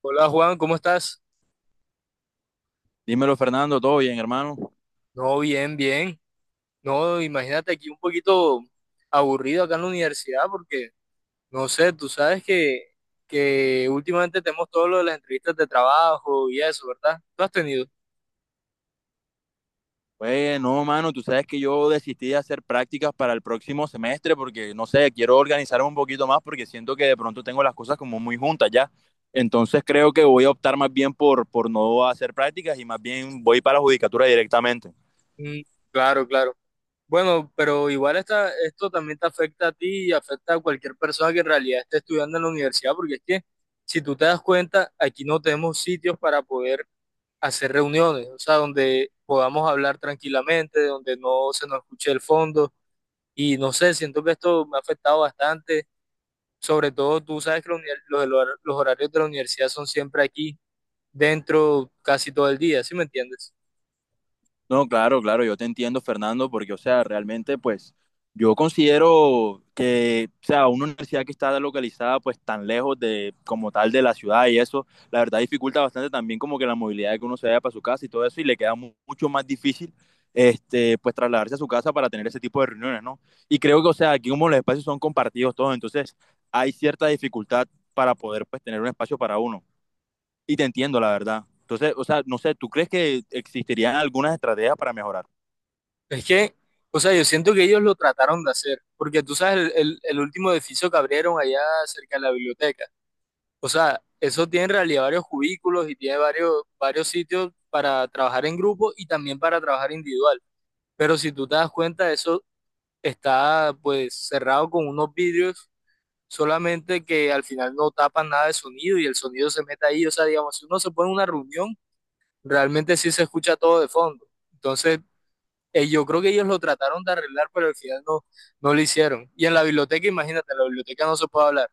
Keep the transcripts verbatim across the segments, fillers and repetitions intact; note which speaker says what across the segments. Speaker 1: Hola Juan, ¿cómo estás?
Speaker 2: Dímelo, Fernando, ¿todo bien, hermano?
Speaker 1: No, bien, bien. No, imagínate aquí un poquito aburrido acá en la universidad porque, no sé, tú sabes que, que últimamente tenemos todo lo de las entrevistas de trabajo y eso, ¿verdad? ¿Tú has tenido?
Speaker 2: Pues no, mano, tú sabes que yo desistí de hacer prácticas para el próximo semestre porque, no sé, quiero organizarme un poquito más porque siento que de pronto tengo las cosas como muy juntas ya. Entonces creo que voy a optar más bien por, por no hacer prácticas y más bien voy para la judicatura directamente.
Speaker 1: Mm, claro, claro. Bueno, pero igual esta, esto también te afecta a ti y afecta a cualquier persona que en realidad esté estudiando en la universidad porque es que, si tú te das cuenta, aquí no tenemos sitios para poder hacer reuniones, o sea, donde podamos hablar tranquilamente, donde no se nos escuche el fondo. Y no sé, siento que esto me ha afectado bastante. Sobre todo, tú sabes que los, los, los horarios de la universidad son siempre aquí, dentro casi todo el día, ¿sí me entiendes?
Speaker 2: No, claro, claro, yo te entiendo, Fernando, porque, o sea, realmente, pues, yo considero que, o sea, una universidad que está localizada, pues, tan lejos de, como tal, de la ciudad y eso, la verdad dificulta bastante también como que la movilidad de que uno se vaya para su casa y todo eso, y le queda mu- mucho más difícil, este, pues, trasladarse a su casa para tener ese tipo de reuniones, ¿no? Y creo que, o sea, aquí como los espacios son compartidos todos, entonces hay cierta dificultad para poder, pues, tener un espacio para uno. Y te entiendo, la verdad. Entonces, o sea, no sé, ¿tú crees que existirían algunas estrategias para mejorar?
Speaker 1: Es que, o sea, yo siento que ellos lo trataron de hacer, porque tú sabes, el, el, el último edificio que abrieron allá cerca de la biblioteca, o sea, eso tiene en realidad varios cubículos y tiene varios, varios sitios para trabajar en grupo y también para trabajar individual. Pero si tú te das cuenta, eso está pues cerrado con unos vidrios, solamente que al final no tapan nada de sonido y el sonido se mete ahí. O sea, digamos, si uno se pone en una reunión, realmente sí se escucha todo de fondo. Entonces, eh, yo creo que ellos lo trataron de arreglar, pero al final no, no lo hicieron. Y en la biblioteca, imagínate, en la biblioteca no se puede hablar.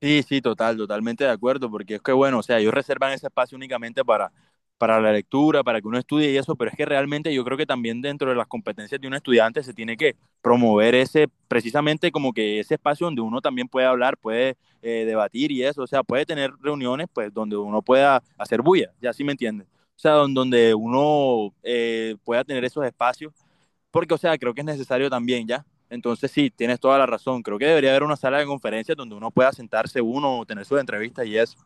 Speaker 2: Sí, sí, total, totalmente de acuerdo, porque es que bueno, o sea, ellos reservan ese espacio únicamente para, para la lectura, para que uno estudie y eso, pero es que realmente yo creo que también dentro de las competencias de un estudiante se tiene que promover ese, precisamente como que ese espacio donde uno también puede hablar, puede eh, debatir y eso, o sea, puede tener reuniones pues donde uno pueda hacer bulla, ya sí me entiendes, o sea, don- donde uno eh, pueda tener esos espacios porque, o sea, creo que es necesario también, ¿ya? Entonces, sí, tienes toda la razón. Creo que debería haber una sala de conferencias donde uno pueda sentarse uno o tener sus entrevistas y eso.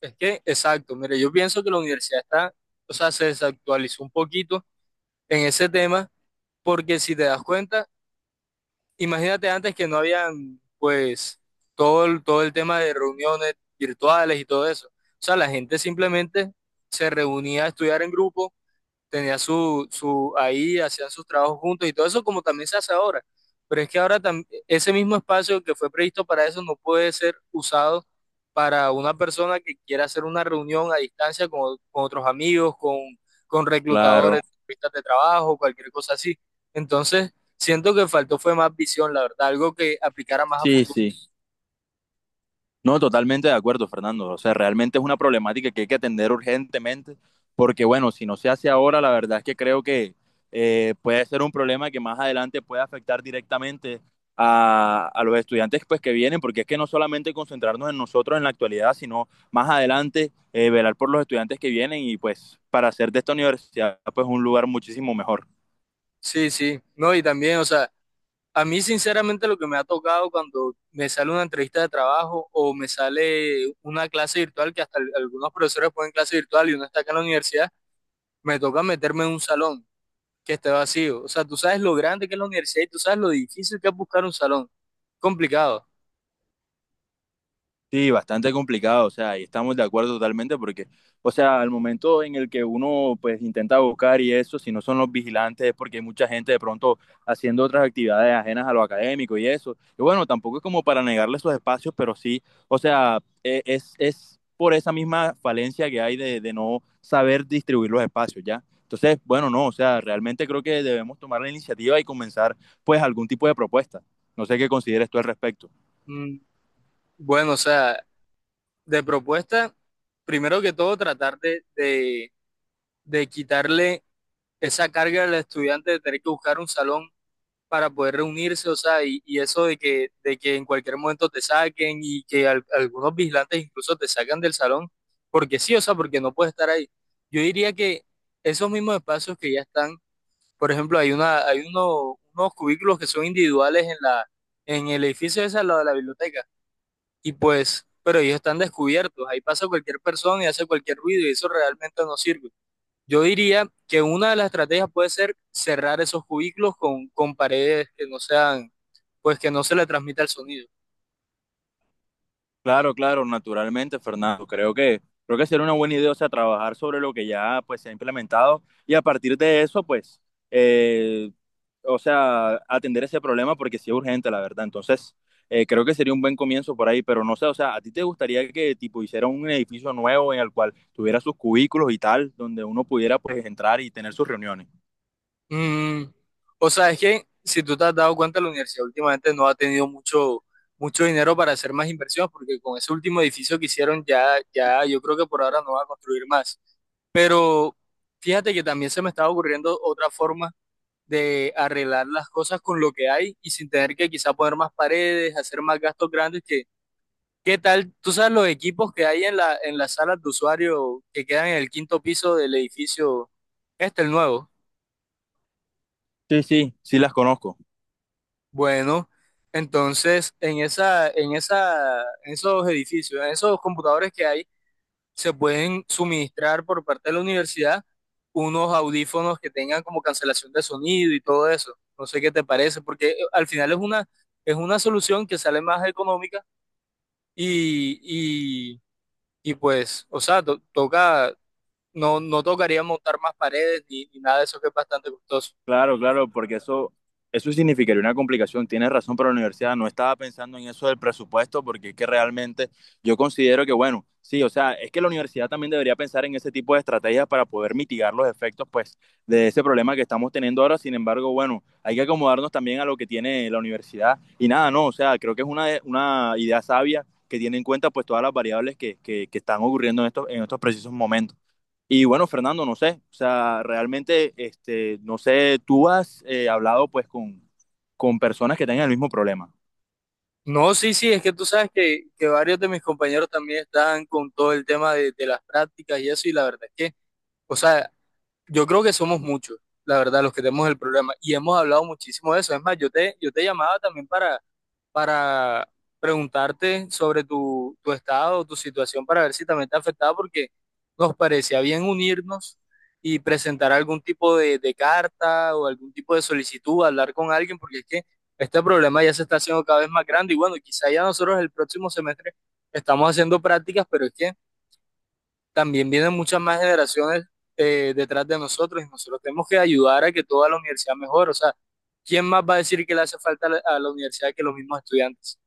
Speaker 1: Es que, exacto, mire, yo pienso que la universidad está, o sea, se desactualizó un poquito en ese tema, porque si te das cuenta, imagínate antes que no habían, pues, todo el, todo el tema de reuniones virtuales y todo eso. O sea, la gente simplemente se reunía a estudiar en grupo, tenía su, su, ahí hacían sus trabajos juntos y todo eso como también se hace ahora. Pero es que ahora tam- ese mismo espacio que fue previsto para eso no puede ser usado para una persona que quiera hacer una reunión a distancia con, con otros amigos, con, con reclutadores,
Speaker 2: Claro.
Speaker 1: entrevistas de trabajo, cualquier cosa así. Entonces, siento que faltó fue más visión, la verdad, algo que aplicara más a
Speaker 2: Sí,
Speaker 1: futuro.
Speaker 2: sí. No, totalmente de acuerdo, Fernando. O sea, realmente es una problemática que hay que atender urgentemente, porque bueno, si no se hace ahora, la verdad es que creo que eh, puede ser un problema que más adelante puede afectar directamente a, a los estudiantes pues, que vienen, porque es que no solamente concentrarnos en nosotros en la actualidad, sino más adelante eh, velar por los estudiantes que vienen y pues para hacer de esta universidad pues un lugar muchísimo mejor.
Speaker 1: Sí, sí, no, y también, o sea, a mí, sinceramente, lo que me ha tocado cuando me sale una entrevista de trabajo o me sale una clase virtual, que hasta al- algunos profesores ponen clase virtual y uno está acá en la universidad, me toca meterme en un salón que esté vacío. O sea, tú sabes lo grande que es la universidad y tú sabes lo difícil que es buscar un salón. Complicado.
Speaker 2: Sí, bastante complicado, o sea, y estamos de acuerdo totalmente porque, o sea, al momento en el que uno pues intenta buscar y eso, si no son los vigilantes es porque hay mucha gente de pronto haciendo otras actividades ajenas a lo académico y eso. Y bueno, tampoco es como para negarle esos espacios, pero sí, o sea, e- es, es por esa misma falencia que hay de, de no saber distribuir los espacios, ¿ya? Entonces, bueno, no, o sea, realmente creo que debemos tomar la iniciativa y comenzar pues algún tipo de propuesta. No sé qué consideres tú al respecto.
Speaker 1: Mm, bueno, o sea, de propuesta, primero que todo, tratar de, de, de quitarle esa carga al estudiante de tener que buscar un salón para poder reunirse, o sea, y, y eso de que, de que en cualquier momento te saquen y que al- algunos vigilantes incluso te sacan del salón, porque sí, o sea, porque no puedes estar ahí. Yo diría que esos mismos espacios que ya están, por ejemplo, hay una, hay uno- unos cubículos que son individuales en la, en el edificio ese al lado de la biblioteca, y pues, pero ellos están descubiertos, ahí pasa cualquier persona y hace cualquier ruido y eso realmente no sirve. Yo diría que una de las estrategias puede ser cerrar esos cubículos con, con paredes que no sean, pues que no se le transmita el sonido.
Speaker 2: Claro, claro, naturalmente, Fernando. Creo que creo que sería una buena idea, o sea, trabajar sobre lo que ya pues se ha implementado y a partir de eso, pues, eh, o sea, atender ese problema porque sí es urgente, la verdad. Entonces, eh, creo que sería un buen comienzo por ahí, pero no sé, o sea, ¿a ti te gustaría que tipo hiciera un edificio nuevo en el cual tuviera sus cubículos y tal, donde uno pudiera pues entrar y tener sus reuniones?
Speaker 1: Mm, o sea, es que si tú te has dado cuenta, la universidad últimamente no ha tenido mucho, mucho dinero para hacer más inversiones, porque con ese último edificio que hicieron ya, ya yo creo que por ahora no va a construir más. Pero fíjate que también se me estaba ocurriendo otra forma de arreglar las cosas con lo que hay y sin tener que quizá poner más paredes, hacer más gastos grandes que... ¿Qué tal? ¿Tú sabes los equipos que hay en la, en las salas de usuario que quedan en el quinto piso del edificio? Este, el nuevo.
Speaker 2: Sí, sí, sí las conozco.
Speaker 1: Bueno, entonces en esa, en esa, en esos edificios, en esos computadores que hay, se pueden suministrar por parte de la universidad unos audífonos que tengan como cancelación de sonido y todo eso. No sé qué te parece, porque eh, al final es una, es una solución que sale más económica y, y, y pues, o sea, to- toca, no, no tocaría montar más paredes ni, ni nada de eso que es bastante costoso.
Speaker 2: Claro, claro, porque eso, eso significaría una complicación. Tienes razón, pero la universidad no estaba pensando en eso del presupuesto, porque es que realmente yo considero que, bueno, sí, o sea, es que la universidad también debería pensar en ese tipo de estrategias para poder mitigar los efectos, pues, de ese problema que estamos teniendo ahora. Sin embargo, bueno, hay que acomodarnos también a lo que tiene la universidad. Y nada, no, o sea, creo que es una, una idea sabia que tiene en cuenta, pues, todas las variables que, que, que están ocurriendo en estos, en estos precisos momentos. Y bueno, Fernando, no sé, o sea, realmente, este, no sé, tú has eh, hablado pues con, con personas que tengan el mismo problema.
Speaker 1: No, sí, sí, es que tú sabes que, que varios de mis compañeros también están con todo el tema de, de las prácticas y eso, y la verdad es que, o sea, yo creo que somos muchos, la verdad, los que tenemos el problema, y hemos hablado muchísimo de eso. Es más, yo te, yo te llamaba también para preguntarte sobre tu, tu estado, tu situación, para ver si también te afectaba, porque nos parecía bien unirnos y presentar algún tipo de, de carta o algún tipo de solicitud, hablar con alguien, porque es que este problema ya se está haciendo cada vez más grande y bueno, quizá ya nosotros el próximo semestre estamos haciendo prácticas, pero es que también vienen muchas más generaciones, eh, detrás de nosotros y nosotros tenemos que ayudar a que toda la universidad mejore, o sea, ¿quién más va a decir que le hace falta a la a la universidad que los mismos estudiantes?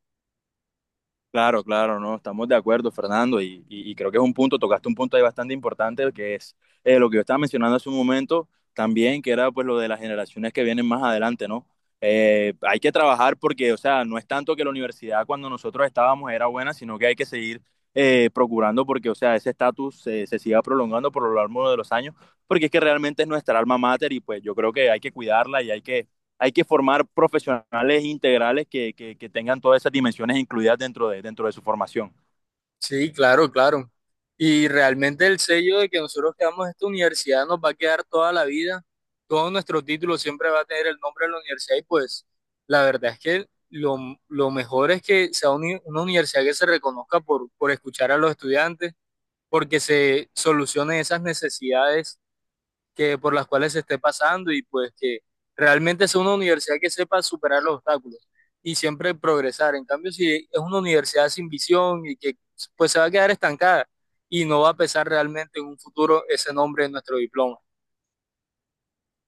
Speaker 2: Claro, claro, no, estamos de acuerdo, Fernando, y, y- y creo que es un punto, tocaste un punto ahí bastante importante, que es eh, lo que yo estaba mencionando hace un momento también, que era pues lo de las generaciones que vienen más adelante, ¿no? Eh, hay que trabajar porque, o sea, no es tanto que la universidad cuando nosotros estábamos era buena, sino que hay que seguir eh, procurando porque, o sea, ese estatus eh, se siga prolongando por lo largo de los años, porque es que realmente es nuestra alma mater y pues yo creo que hay que cuidarla y hay que hay que formar profesionales integrales que, que- que tengan todas esas dimensiones incluidas dentro de, dentro de su formación.
Speaker 1: Sí, claro, claro. Y realmente el sello de que nosotros quedamos en esta universidad nos va a quedar toda la vida. Todo nuestro título siempre va a tener el nombre de la universidad y pues la verdad es que lo, lo mejor es que sea uni- una universidad que se reconozca por, por escuchar a los estudiantes, porque se solucionen esas necesidades que por las cuales se esté pasando y pues que realmente sea una universidad que sepa superar los obstáculos y siempre progresar. En cambio, si es una universidad sin visión y que pues se va a quedar estancada y no va a pesar realmente en un futuro ese nombre en nuestro diploma.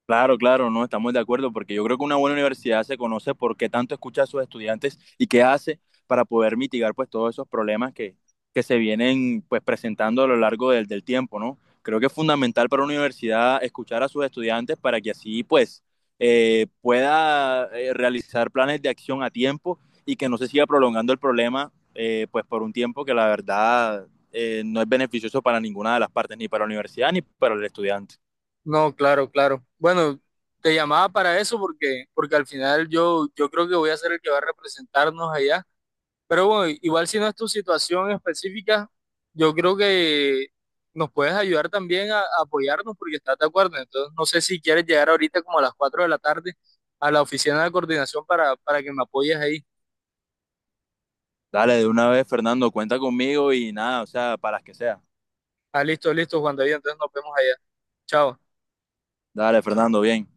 Speaker 2: Claro, claro, no estamos de acuerdo porque yo creo que una buena universidad se conoce por qué tanto escucha a sus estudiantes y qué hace para poder mitigar pues todos esos problemas que, que se vienen pues presentando a lo largo del, del tiempo, ¿no? Creo que es fundamental para una universidad escuchar a sus estudiantes para que así pues eh, pueda eh, realizar planes de acción a tiempo y que no se siga prolongando el problema eh, pues por un tiempo que la verdad eh, no es beneficioso para ninguna de las partes, ni para la universidad ni para el estudiante.
Speaker 1: No, claro, claro. Bueno, te llamaba para eso porque, porque al final yo, yo creo que voy a ser el que va a representarnos allá. Pero bueno, igual si no es tu situación específica, yo creo que nos puedes ayudar también a, a apoyarnos porque estás de acuerdo. Entonces, no sé si quieres llegar ahorita como a las cuatro de la tarde a la oficina de coordinación para, para que me apoyes ahí.
Speaker 2: Dale, de una vez, Fernando, cuenta conmigo y nada, o sea, para las que sea.
Speaker 1: Ah, listo, listo, Juan David. Entonces nos vemos allá. Chao.
Speaker 2: Dale, Fernando, bien.